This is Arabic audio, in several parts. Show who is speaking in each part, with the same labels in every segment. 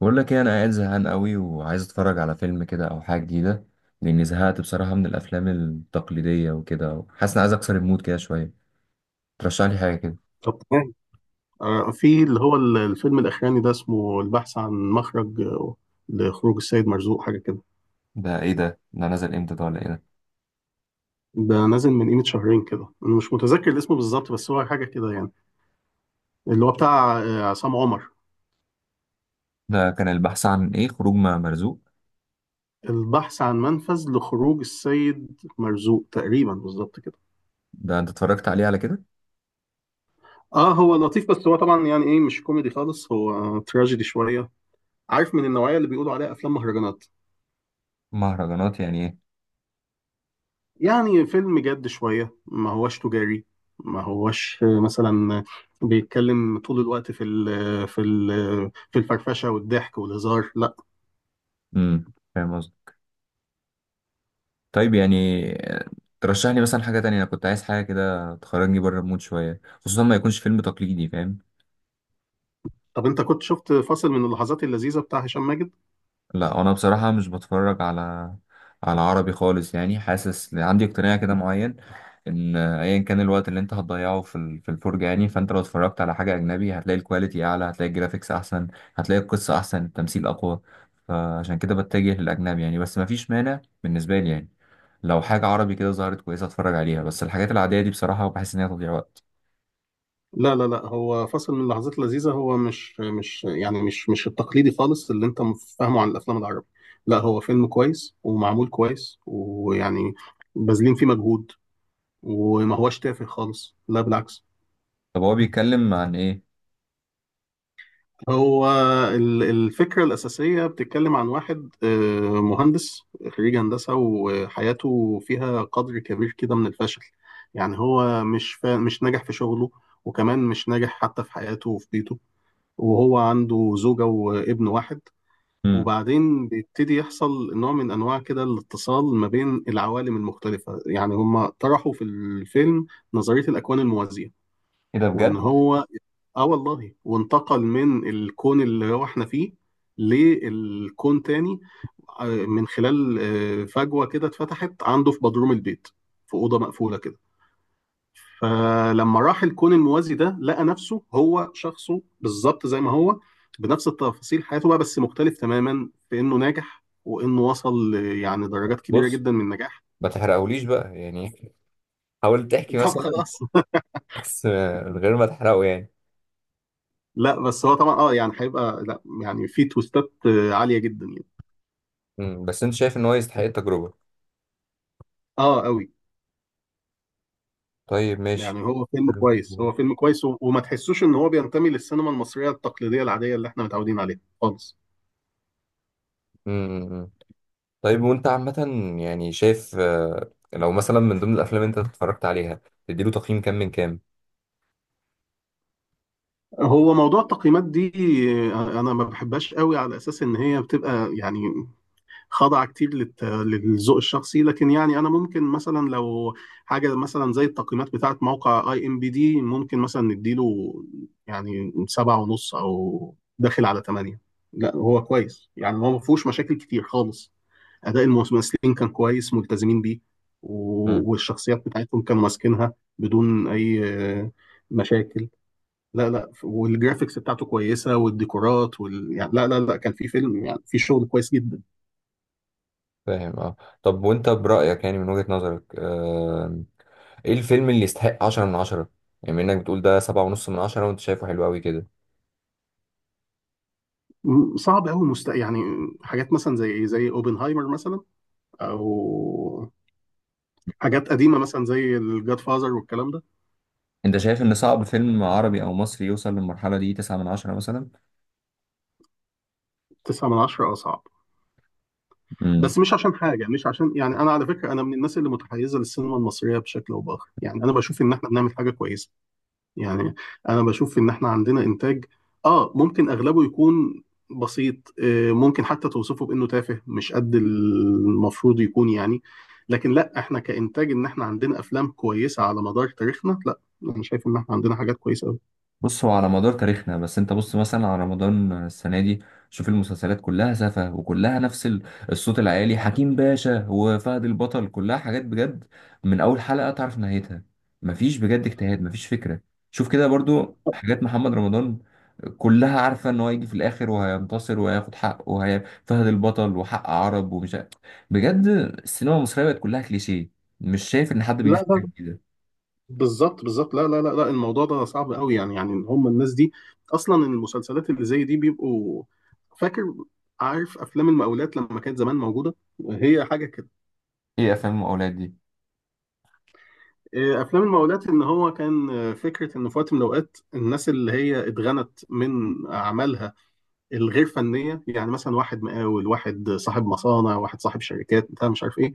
Speaker 1: بقول لك ايه، انا قاعد زهقان قوي وعايز اتفرج على فيلم كده او حاجه جديده. لاني زهقت بصراحه من الافلام التقليديه، وكده حاسس اني عايز اكسر المود كده شويه. ترشح لي حاجه كده؟
Speaker 2: طب تمام. في اللي هو الفيلم الأخراني ده اسمه البحث عن مخرج لخروج السيد مرزوق، حاجة كده.
Speaker 1: ده ايه ده؟ ده نزل امتى؟ ده ولا ايه ده؟
Speaker 2: ده نازل من قيمة شهرين كده، أنا مش متذكر الاسم بالظبط بس هو حاجة كده يعني، اللي هو بتاع عصام عمر.
Speaker 1: ده كان البحث عن ايه؟ خروج مع مرزوق؟
Speaker 2: البحث عن منفذ لخروج السيد مرزوق، تقريبا بالظبط كده.
Speaker 1: ده انت اتفرجت عليه على كده؟
Speaker 2: اه، هو لطيف بس هو طبعا يعني ايه مش كوميدي خالص، هو تراجيدي شوية. عارف، من النوعية اللي بيقولوا عليها أفلام مهرجانات.
Speaker 1: مهرجانات يعني ايه؟
Speaker 2: يعني فيلم جد شوية، ما هوش تجاري، ما هوش مثلا بيتكلم طول الوقت في الفرفشة والضحك والهزار، لا.
Speaker 1: فاهم قصدي. طيب يعني، آه، ترشح لي مثلا حاجه تانية. انا كنت عايز حاجه كده تخرجني بره المود شويه، خصوصا ما يكونش فيلم تقليدي، فاهم؟
Speaker 2: طب انت كنت شفت فاصل من اللحظات اللذيذة بتاع هشام ماجد؟
Speaker 1: لا، انا بصراحه مش بتفرج على عربي خالص، يعني حاسس عندي اقتناع كده معين ان ايا كان الوقت اللي انت هتضيعه في الفرجه، يعني فانت لو اتفرجت على حاجه اجنبي، هتلاقي الكواليتي اعلى، هتلاقي الجرافيكس احسن، هتلاقي القصه احسن، التمثيل اقوى. فعشان كده بتجه للاجنبي يعني، بس مفيش مانع بالنسبه لي يعني، لو حاجه عربي كده ظهرت كويسه اتفرج عليها. بس الحاجات العاديه دي بصراحه بحس ان هي تضييع وقت.
Speaker 2: لا، لا، لا، هو فاصل من اللحظات اللذيذة، هو مش يعني مش التقليدي خالص اللي انت فاهمه عن الافلام العربية. لا، هو فيلم كويس ومعمول كويس، ويعني باذلين فيه مجهود، وما هوش تافه خالص، لا بالعكس.
Speaker 1: طب هو بيتكلم عن ايه؟
Speaker 2: هو الفكرة الأساسية بتتكلم عن واحد مهندس، خريج هندسة، وحياته فيها قدر كبير كده من الفشل. يعني هو مش ناجح في شغله، وكمان مش ناجح حتى في حياته وفي بيته. وهو عنده زوجة وابن واحد.
Speaker 1: امم.
Speaker 2: وبعدين بيبتدي يحصل نوع من أنواع كده الاتصال ما بين العوالم المختلفة، يعني هما طرحوا في الفيلم نظرية الأكوان الموازية.
Speaker 1: ايه ده؟
Speaker 2: وإن
Speaker 1: بجد؟
Speaker 2: هو، اه والله، وانتقل من الكون اللي هو احنا فيه للكون تاني، من خلال فجوة كده اتفتحت عنده في بدروم البيت، في أوضة مقفولة كده. فلما راح الكون الموازي ده لقى نفسه هو شخصه بالظبط زي ما هو، بنفس التفاصيل حياته بقى، بس مختلف تماما في إنه ناجح وإنه وصل يعني درجات كبيرة
Speaker 1: بص،
Speaker 2: جدا من النجاح.
Speaker 1: ما تحرقهوليش بقى يعني. حاول تحكي
Speaker 2: طب
Speaker 1: مثلا،
Speaker 2: خلاص.
Speaker 1: بس من غير ما تحرقه يعني.
Speaker 2: لا بس هو طبعا، اه يعني هيبقى، لا يعني في توستات عالية جدا يعني.
Speaker 1: بس انت شايف ان هو يستحق التجربة؟
Speaker 2: اه قوي.
Speaker 1: طيب، ماشي.
Speaker 2: يعني هو فيلم كويس، هو فيلم كويس، و- وما تحسوش ان هو بينتمي للسينما المصرية التقليدية العادية اللي احنا متعودين عليها خالص.
Speaker 1: امم طيب، وانت عامة يعني شايف، لو مثلا من ضمن الافلام اللي انت اتفرجت عليها، تديله تقييم كام من كام؟
Speaker 2: هو موضوع التقييمات دي، انا ما بحبهاش قوي على اساس ان هي بتبقى يعني خاضعة كتير للذوق الشخصي، لكن يعني انا ممكن مثلا لو حاجة مثلا زي التقييمات بتاعة موقع IMDb ممكن مثلا نديله يعني 7.5 او داخل على 8. لا، هو كويس، يعني هو ما فيهوش مشاكل كتير خالص. اداء الممثلين كان كويس، ملتزمين بيه.
Speaker 1: امم
Speaker 2: و- والشخصيات بتاعتهم كانوا ماسكينها بدون اي آه، مشاكل. لا، لا، والجرافيكس بتاعته كويسه والديكورات يعني، لا، لا، لا، كان في فيلم، يعني في شغل كويس جدا.
Speaker 1: فاهم، اه. طب وانت برأيك، يعني من وجهة نظرك، ايه الفيلم اللي يستحق 10 من 10؟ يعني بما انك بتقول ده 7.5 من 10، وانت شايفه حلو قوي كده.
Speaker 2: صعب قوي، يعني، حاجات مثلا زي اوبنهايمر مثلا، او حاجات قديمه مثلا زي الجاد فازر والكلام ده.
Speaker 1: انت شايف ان صعب فيلم عربي او مصري يوصل للمرحله دي، 9 من 10 مثلا؟
Speaker 2: 9 من 10، اه صعب.
Speaker 1: امم
Speaker 2: بس مش عشان حاجه، مش عشان، يعني انا على فكره، انا من الناس اللي متحيزه للسينما المصريه بشكل او باخر، يعني انا بشوف ان احنا بنعمل حاجه كويسه. يعني انا بشوف ان احنا عندنا انتاج، اه ممكن اغلبه يكون بسيط، ممكن حتى توصفه بانه تافه مش قد المفروض يكون يعني. لكن لا، احنا كانتاج ان احنا عندنا افلام كويسه على مدار تاريخنا، لا انا شايف ان احنا عندنا حاجات كويسه قوي.
Speaker 1: بص، هو على مدار تاريخنا، بس انت بص مثلا على رمضان السنه دي. شوف المسلسلات كلها سفه وكلها نفس الصوت العالي، حكيم باشا وفهد البطل، كلها حاجات بجد. من اول حلقه تعرف نهايتها. مفيش بجد اجتهاد، مفيش فكره. شوف كده برضو حاجات محمد رمضان، كلها عارفه ان هو هيجي في الاخر وهينتصر وهياخد حقه، وهي فهد البطل وحق عرب ومش عارف. بجد، السينما المصريه بقت كلها كليشيه. مش شايف ان حد بيضيف
Speaker 2: لا،
Speaker 1: حاجه
Speaker 2: لا،
Speaker 1: جديده.
Speaker 2: بالظبط، بالظبط، لا، لا، لا، لا، الموضوع ده صعب قوي يعني هم الناس دي اصلا. المسلسلات اللي زي دي بيبقوا، فاكر، عارف افلام المقاولات لما كانت زمان موجوده؟ هي حاجه.
Speaker 1: ايه افلام الاولاد دي؟
Speaker 2: إيه، افلام المقاولات، ان هو كان فكره ان في وقت من الاوقات الناس اللي هي اتغنت من اعمالها الغير فنيه، يعني مثلا واحد مقاول، واحد صاحب مصانع، واحد صاحب شركات، بتاع مش عارف ايه،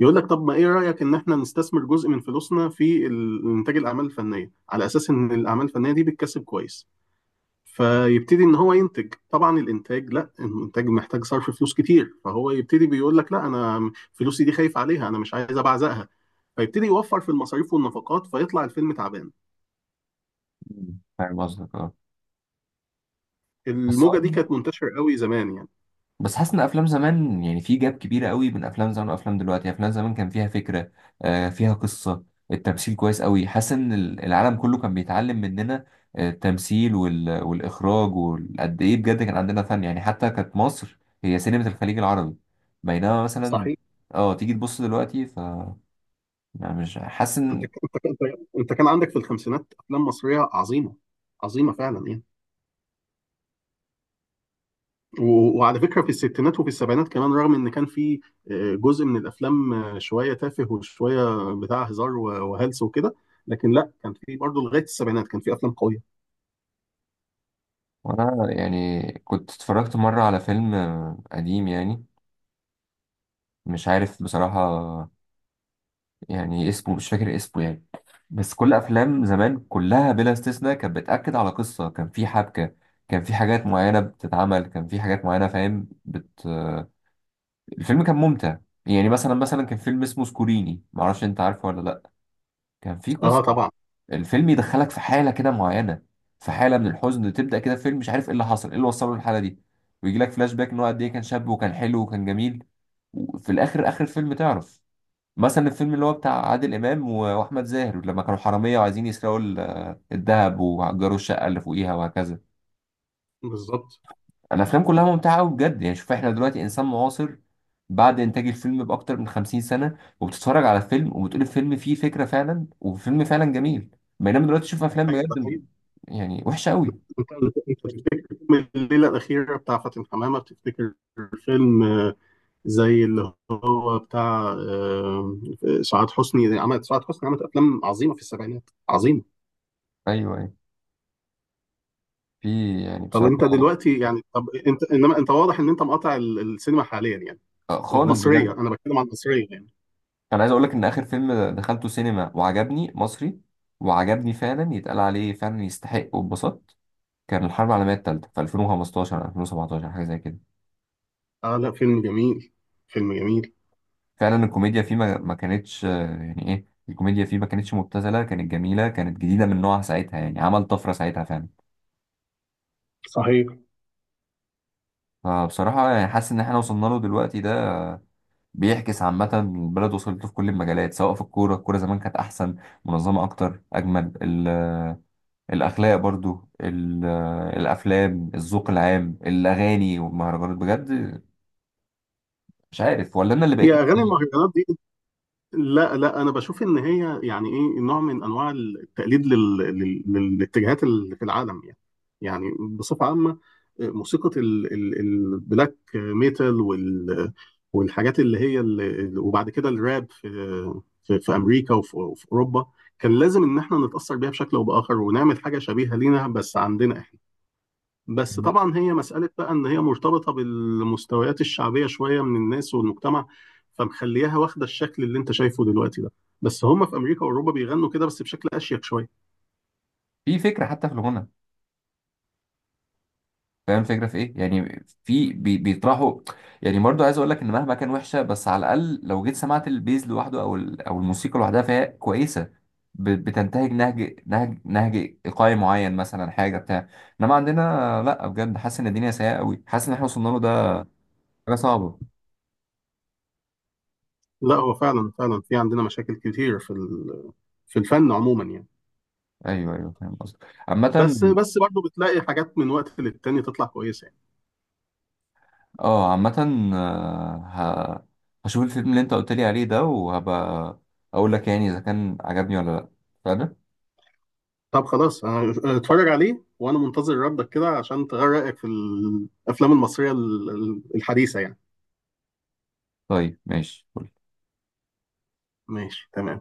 Speaker 2: يقول لك طب ما ايه رايك ان احنا نستثمر جزء من فلوسنا في انتاج الاعمال الفنيه، على اساس ان الاعمال الفنيه دي بتكسب كويس. فيبتدي ان هو ينتج، طبعا الانتاج، لا الانتاج محتاج صرف فلوس كتير، فهو يبتدي بيقول لك لا، انا فلوسي دي خايف عليها، انا مش عايز ابعزقها. فيبتدي يوفر في المصاريف والنفقات، فيطلع الفيلم تعبان.
Speaker 1: فاهم قصدك، اه. بس
Speaker 2: الموجه دي كانت منتشره قوي زمان يعني.
Speaker 1: بس، حاسس ان افلام زمان يعني في جاب كبيره قوي بين افلام زمان وافلام دلوقتي. يعني افلام زمان كان فيها فكره، فيها قصه. التمثيل كويس قوي، حاسس ان العالم كله كان بيتعلم مننا، التمثيل والاخراج، وقد ايه بجد كان عندنا فن، يعني حتى كانت مصر هي سينما الخليج العربي. بينما مثلا
Speaker 2: صحيح.
Speaker 1: اه تيجي تبص دلوقتي يعني مش حاسس ان...
Speaker 2: انت كان عندك في الخمسينات افلام مصريه عظيمه، عظيمه فعلا يعني. و- وعلى فكرة في الستينات وفي السبعينات كمان، رغم إن كان في جزء من الأفلام شوية تافه وشوية بتاع هزار و- وهلس وكده. لكن لا، كان في برضه لغاية السبعينات كان في أفلام قوية.
Speaker 1: وانا يعني كنت اتفرجت مره على فيلم قديم يعني، مش عارف بصراحه، يعني اسمه مش فاكر اسمه يعني. بس كل افلام زمان كلها بلا استثناء كانت بتاكد على قصه، كان في حبكه، كان في حاجات معينه بتتعمل، كان في حاجات معينه، فاهم، الفيلم كان ممتع. يعني مثلا كان فيلم اسمه سكوريني، معرفش انت عارفه ولا لا. كان في
Speaker 2: اه
Speaker 1: قصه.
Speaker 2: طبعا.
Speaker 1: الفيلم يدخلك في حاله كده معينه، في حاله من الحزن تبدا كده، فيلم مش عارف ايه اللي حصل، ايه اللي وصله للحاله دي، ويجي لك فلاش باك ان هو قد ايه كان شاب وكان حلو وكان جميل، وفي الاخر، اخر الفيلم تعرف. مثلا الفيلم اللي هو بتاع عادل امام واحمد زاهر، لما كانوا حراميه وعايزين يسرقوا الذهب وهجروا الشقه اللي فوقيها وهكذا.
Speaker 2: بالظبط.
Speaker 1: الافلام كلها ممتعه قوي بجد. يعني شوف، احنا دلوقتي انسان معاصر بعد انتاج الفيلم باكتر من 50 سنه، وبتتفرج على فيلم وبتقول الفيلم فيه فكره فعلا، وفيلم فعلا جميل. بينما دلوقتي تشوف افلام
Speaker 2: ايوه، ده حقيقي.
Speaker 1: بجد يعني وحشه قوي.
Speaker 2: انت بتفتكر فيلم الليله الاخيره بتاع فاتن حمامه؟ بتفتكر فيلم زي اللي هو بتاع سعاد حسني عملت افلام عظيمه في السبعينات، عظيمه.
Speaker 1: ايوه، ايوه، في يعني بصراحه،
Speaker 2: طب انت انما انت واضح ان انت مقاطع السينما حاليا يعني.
Speaker 1: خالص
Speaker 2: المصرية،
Speaker 1: بجد.
Speaker 2: أنا بتكلم عن المصرية يعني.
Speaker 1: انا عايز اقول لك ان اخر فيلم دخلته سينما وعجبني مصري، وعجبني فعلا، يتقال عليه فعلا يستحق، واتبسطت، كان الحرب العالمية التالتة في 2015، 2017، حاجة زي كده.
Speaker 2: آه، لا، فيلم جميل. فيلم جميل.
Speaker 1: فعلا الكوميديا فيه ما كانتش، يعني ايه، الكوميديا فيه ما كانتش مبتذلة، كانت جميلة، كانت جديدة من نوعها ساعتها، يعني عمل طفرة ساعتها فعلا.
Speaker 2: صحيح.
Speaker 1: فبصراحة يعني حاسس إن إحنا وصلنا له دلوقتي ده، بيعكس عامة البلد، وصلت له في كل المجالات، سواء في الكورة، الكورة زمان كانت أحسن، منظمة أكتر، أجمل الأخلاق، برضو الأفلام، الذوق العام، الأغاني والمهرجانات، بجد مش عارف ولا أنا اللي
Speaker 2: هي
Speaker 1: بقيت.
Speaker 2: أغاني المهرجانات دي، لا، لا، أنا بشوف إن هي يعني إيه نوع من أنواع التقليد للاتجاهات اللي في العالم يعني. يعني بصفة عامة، موسيقى البلاك ميتال، والحاجات اللي هي وبعد كده الراب في، في أمريكا وفي أوروبا، كان لازم إن إحنا نتأثر بيها بشكل أو بآخر ونعمل حاجة شبيهة لينا بس عندنا إحنا. بس طبعا هي مسألة بقى إن هي مرتبطة بالمستويات الشعبية شوية من الناس والمجتمع، فمخليها واخدة الشكل اللي أنت شايفه دلوقتي ده. بس هم في أمريكا وأوروبا بيغنوا كده، بس بشكل أشيك شوية.
Speaker 1: في فكرة حتى في الغنى، فاهم الفكره في ايه؟ يعني في بيطرحوا. يعني برضو عايز اقول لك ان مهما كان وحشه، بس على الاقل لو جيت سمعت البيز لوحده او او الموسيقى لوحدها، فهي كويسه، بتنتهج نهج ايقاعي معين، مثلا حاجه بتاع. انما عندنا، لا بجد حاسس ان الدنيا سيئه قوي، حاسس ان احنا وصلنا له ده، حاجه صعبه.
Speaker 2: لا، هو فعلا فعلا في عندنا مشاكل كتير في الفن عموما يعني.
Speaker 1: ايوه، ايوه، فاهم قصدك
Speaker 2: بس
Speaker 1: عامه.
Speaker 2: بس برضه بتلاقي حاجات من وقت للتاني تطلع كويسة يعني.
Speaker 1: اه، عامه، هشوف الفيلم اللي انت قلت لي عليه ده، وهبقى اقول لك يعني اذا كان عجبني ولا لا. فعلا.
Speaker 2: طب خلاص، أنا اتفرج عليه وأنا منتظر ردك كده عشان تغير رأيك في الأفلام المصرية الحديثة يعني.
Speaker 1: طيب، ماشي.
Speaker 2: ماشي تمام.